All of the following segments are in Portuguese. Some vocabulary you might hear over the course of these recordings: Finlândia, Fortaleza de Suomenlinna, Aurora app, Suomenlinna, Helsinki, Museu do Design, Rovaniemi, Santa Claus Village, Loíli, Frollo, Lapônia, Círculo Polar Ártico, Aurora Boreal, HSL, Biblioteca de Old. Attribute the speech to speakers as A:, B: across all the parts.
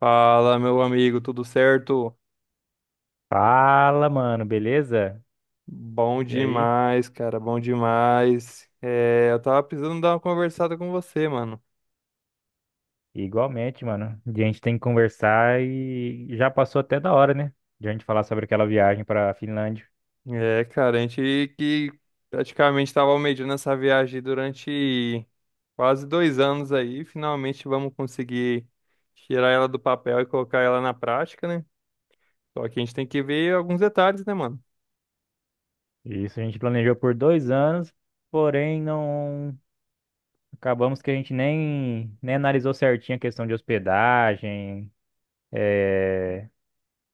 A: Fala, meu amigo, tudo certo?
B: Fala, mano, beleza?
A: Bom
B: E aí?
A: demais, cara, bom demais. É, eu tava precisando dar uma conversada com você, mano.
B: Igualmente, mano. A gente tem que conversar e já passou até da hora, né? De a gente falar sobre aquela viagem para a Finlândia.
A: É, cara, a gente que praticamente tava almejando essa viagem durante quase 2 anos aí, finalmente vamos conseguir tirar ela do papel e colocar ela na prática, né? Só que a gente tem que ver alguns detalhes, né, mano?
B: Isso a gente planejou por 2 anos, porém não acabamos que a gente nem analisou certinho a questão de hospedagem,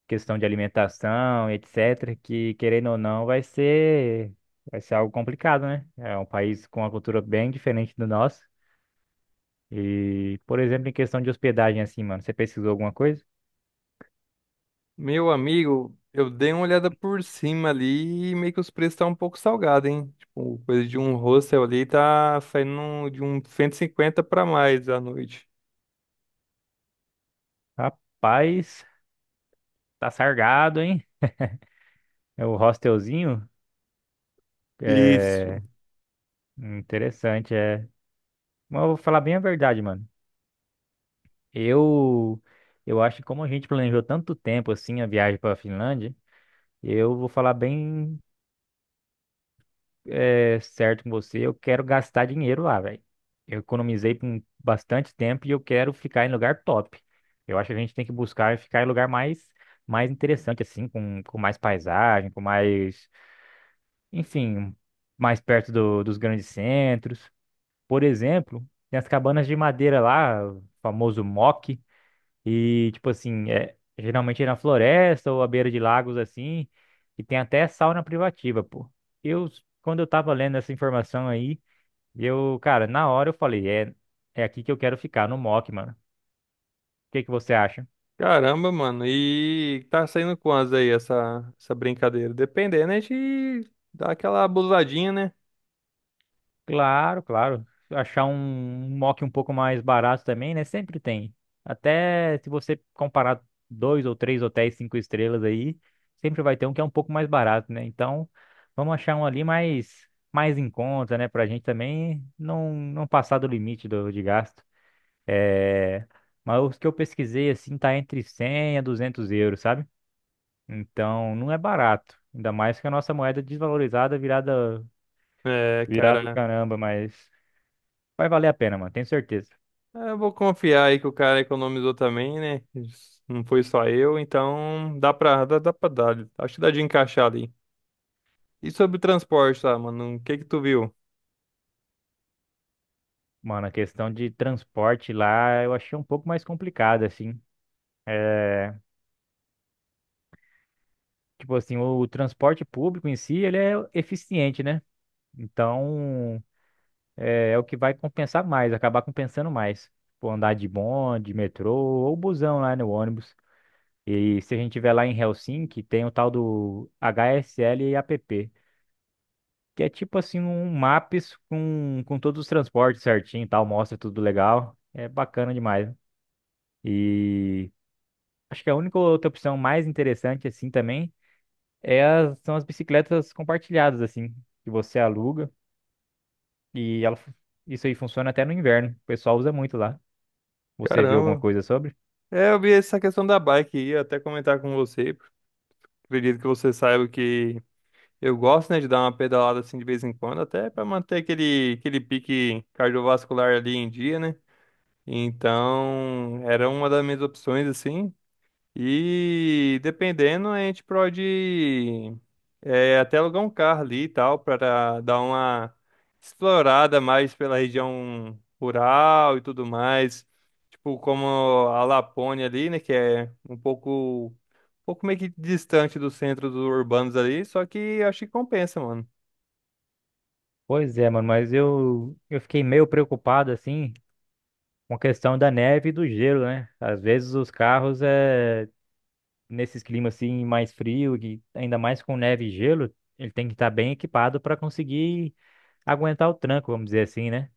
B: questão de alimentação, etc. Que querendo ou não, vai ser algo complicado, né? É um país com uma cultura bem diferente do nosso. E, por exemplo, em questão de hospedagem, assim, mano, você pesquisou alguma coisa?
A: Meu amigo, eu dei uma olhada por cima ali e meio que os preços estão um pouco salgados, hein? Tipo, coisa de um hostel ali tá saindo de um 150 pra mais à noite.
B: Rapaz, tá sargado, hein? É o hostelzinho.
A: Isso.
B: É interessante, é. Mas eu vou falar bem a verdade, mano. Eu, eu acho que como a gente planejou tanto tempo assim a viagem pra Finlândia, eu vou falar bem certo com você, eu quero gastar dinheiro lá, velho. Eu economizei por bastante tempo e eu quero ficar em lugar top. Eu acho que a gente tem que buscar ficar em lugar mais interessante, assim, com mais paisagem, com mais, enfim, mais perto dos grandes centros. Por exemplo, tem as cabanas de madeira lá, o famoso mock. E, tipo assim, geralmente é na floresta ou à beira de lagos assim, e tem até sauna privativa, pô. Eu, quando eu tava lendo essa informação aí, eu, cara, na hora eu falei, é aqui que eu quero ficar, no Mock, mano. O que que você acha?
A: Caramba, mano. E tá saindo quantas aí essa brincadeira? Dependendo, a gente dá aquela abusadinha, né?
B: Claro, claro. Achar um mock um pouco mais barato também, né? Sempre tem. Até se você comparar dois ou três hotéis cinco estrelas aí, sempre vai ter um que é um pouco mais barato, né? Então, vamos achar um ali mais em conta, né? Pra gente também não passar do limite de gasto. É... Mas os que eu pesquisei, assim, tá entre 100 a €200, sabe? Então, não é barato. Ainda mais que a nossa moeda desvalorizada virada...
A: É,
B: Virado
A: cara.
B: caramba, mas vai valer a pena, mano, tenho certeza.
A: Eu vou confiar aí que o cara economizou também, né? Não foi só eu, então dá pra dar. Acho que dá de encaixar ali. E sobre o transporte, tá, mano? O que que tu viu?
B: Mano, a questão de transporte lá eu achei um pouco mais complicada, assim. É, tipo assim, o, transporte público em si, ele é eficiente, né? Então, é o que vai compensar mais, acabar compensando mais. Tipo, andar de bonde, metrô ou busão lá no ônibus. E se a gente tiver lá em Helsinki, tem o tal do HSL e app, que é tipo assim um maps com todos os transportes certinho e tal, mostra tudo legal. É bacana demais. E acho que a única outra opção mais interessante, assim, também, são as bicicletas compartilhadas, assim, que você aluga e ela, fu- isso aí funciona até no inverno. O pessoal usa muito lá. Você viu alguma
A: Caramba.
B: coisa sobre?
A: É, eu vi essa questão da bike e ia até comentar com você. Acredito que você saiba que eu gosto, né, de dar uma pedalada assim de vez em quando, até pra manter aquele pique cardiovascular ali em dia, né? Então, era uma das minhas opções, assim. E dependendo, a gente pode até alugar um carro ali e tal, para dar uma explorada mais pela região rural e tudo mais. Tipo, como a Lapônia ali, né? Que é um pouco meio que distante do centro dos urbanos ali, só que acho que compensa, mano.
B: Pois é, mano, mas eu fiquei meio preocupado, assim, com a questão da neve e do gelo, né? Às vezes os carros, nesses climas, assim, mais frio, e ainda mais com neve e gelo, ele tem que estar bem equipado para conseguir aguentar o tranco, vamos dizer assim, né?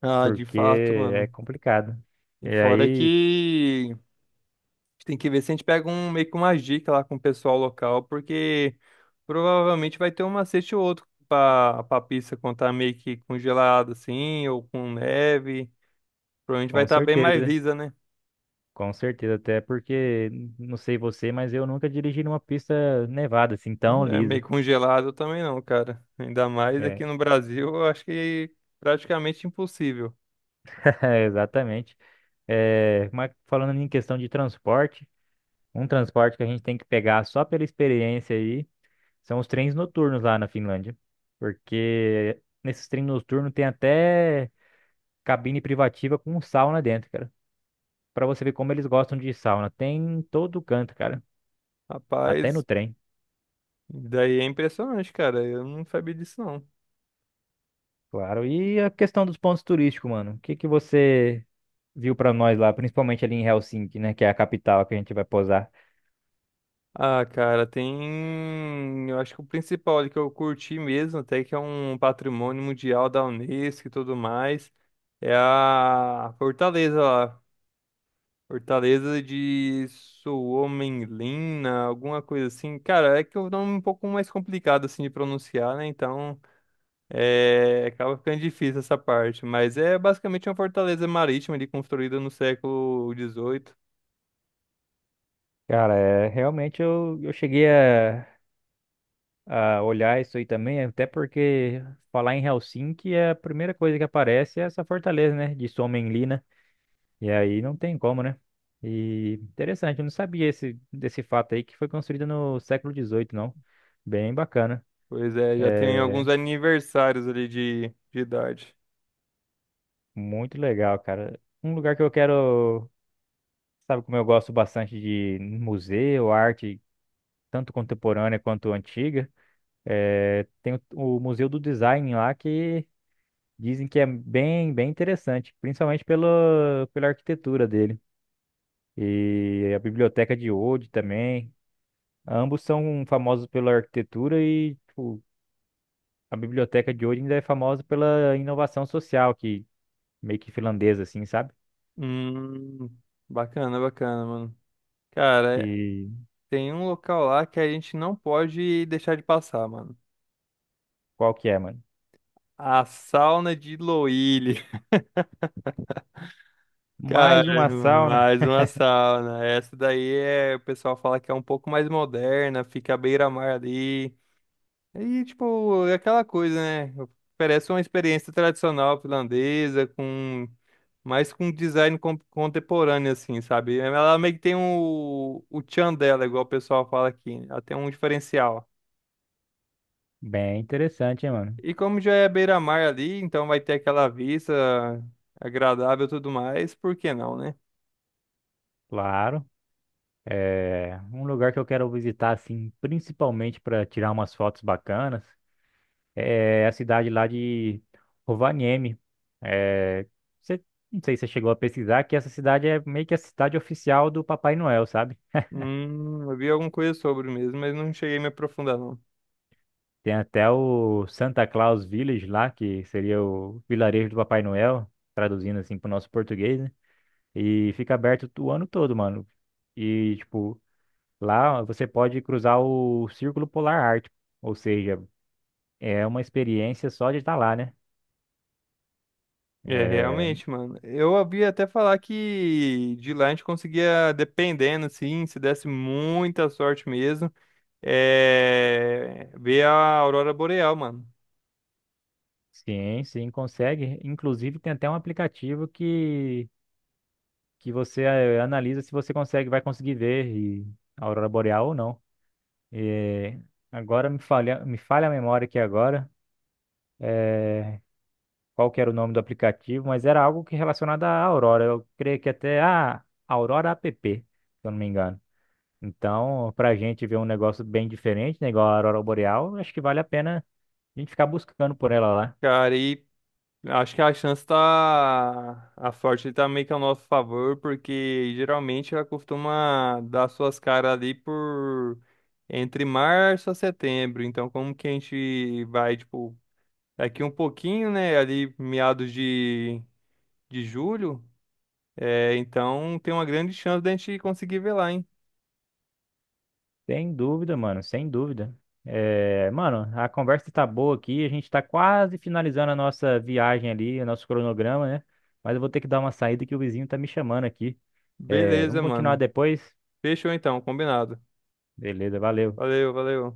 A: Ah, de
B: Porque
A: fato,
B: é
A: mano.
B: complicado. E
A: E fora
B: aí,
A: que a gente tem que ver se a gente pega um meio que uma dica lá com o pessoal local, porque. Provavelmente vai ter um macete ou outro pra pista quando tá meio que congelada assim, ou com neve. Provavelmente vai
B: com
A: estar bem mais
B: certeza,
A: lisa, né?
B: com certeza, até porque, não sei você, mas eu nunca dirigi numa pista nevada, assim, tão
A: É meio
B: lisa.
A: congelado também não, cara. Ainda mais
B: É,
A: aqui no Brasil, eu acho que praticamente impossível.
B: é, exatamente. É, mas falando em questão de transporte, um transporte que a gente tem que pegar só pela experiência aí são os trens noturnos lá na Finlândia. Porque nesses trens noturnos tem até cabine privativa com sauna dentro, cara. Pra você ver como eles gostam de sauna. Tem em todo canto, cara. Até no
A: Rapaz,
B: trem,
A: daí é impressionante, cara. Eu não sabia disso, não.
B: claro. E a questão dos pontos turísticos, mano. O que que você viu pra nós lá, principalmente ali em Helsinki, né, que é a capital que a gente vai posar?
A: Ah, cara, tem. Eu acho que o principal ali que eu curti mesmo, até que é um patrimônio mundial da Unesco e tudo mais, é a Fortaleza lá. Fortaleza de Suomenlinna, alguma coisa assim. Cara, é que o nome é um pouco mais complicado assim de pronunciar, né? Então, acaba ficando difícil essa parte. Mas é basicamente uma fortaleza marítima ali construída no século XVIII.
B: Cara, é, realmente eu cheguei a olhar isso aí também, até porque falar em Helsinki, é a primeira coisa que aparece é essa fortaleza, né, de Suomenlinna. E aí não tem como, né? E interessante, eu não sabia desse fato aí que foi construída no século XVIII, não. Bem bacana.
A: Pois é, já tem
B: É,
A: alguns aniversários ali de idade.
B: muito legal, cara. Um lugar que eu quero, sabe como eu gosto bastante de museu, arte, tanto contemporânea quanto antiga, é, tem o Museu do Design lá que dizem que é bem, bem interessante, principalmente pela arquitetura dele. E a Biblioteca de Old também. Ambos são famosos pela arquitetura e, tipo, a Biblioteca de Old ainda é famosa pela inovação social, que meio que finlandesa, assim, sabe?
A: Hum, bacana, bacana, mano. Cara,
B: E
A: tem um local lá que a gente não pode deixar de passar, mano.
B: qual que é, mano?
A: A sauna de Loíli. Cara,
B: Mais uma sauna.
A: mais uma sauna. Essa daí é, o pessoal fala que é um pouco mais moderna, fica à beira-mar ali. E, tipo, é aquela coisa, né? Oferece uma experiência tradicional finlandesa, com mais com design contemporâneo, assim, sabe? Ela meio que tem o tchan dela, igual o pessoal fala aqui. Ela tem um diferencial.
B: Bem interessante, hein, mano?
A: E como já é beira-mar ali, então vai ter aquela vista agradável e tudo mais, por que não, né?
B: Claro. É um lugar que eu quero visitar, assim, principalmente para tirar umas fotos bacanas. É a cidade lá de Rovaniemi. É, você, não sei se você chegou a pesquisar, que essa cidade é meio que a cidade oficial do Papai Noel, sabe?
A: Eu vi alguma coisa sobre mesmo, mas não cheguei a me aprofundar, não.
B: Tem até o Santa Claus Village lá, que seria o vilarejo do Papai Noel, traduzindo assim para o nosso português, né? E fica aberto o ano todo, mano. E, tipo, lá você pode cruzar o Círculo Polar Ártico, ou seja, é uma experiência só de estar lá, né?
A: É,
B: É,
A: realmente, mano. Eu ouvi até falar que de lá a gente conseguia, dependendo, assim, se desse muita sorte mesmo, ver a aurora boreal, mano.
B: sim, sim, consegue. Inclusive tem até um aplicativo que você analisa se você consegue, vai conseguir ver a aurora boreal ou não. É, agora me falha a memória aqui agora. é, Qual que era o nome do aplicativo, mas era algo que relacionado à aurora. Eu creio que até a Aurora app, se eu não me engano. Então, para a gente ver um negócio bem diferente, né, igual a Aurora Boreal, acho que vale a pena a gente ficar buscando por ela lá.
A: Cara, e acho que a chance tá... A sorte tá meio que ao nosso favor, porque geralmente ela costuma dar suas caras ali por... Entre março a setembro. Então, como que a gente vai, tipo Daqui um pouquinho, né? Ali meados de julho. É, então tem uma grande chance da gente conseguir ver lá, hein?
B: Sem dúvida, mano, sem dúvida. É, mano, a conversa tá boa aqui, a gente tá quase finalizando a nossa viagem ali, o nosso cronograma, né? Mas eu vou ter que dar uma saída que o vizinho tá me chamando aqui. É, vamos
A: Beleza,
B: continuar
A: mano.
B: depois?
A: Fechou então, combinado.
B: Beleza, valeu.
A: Valeu, valeu.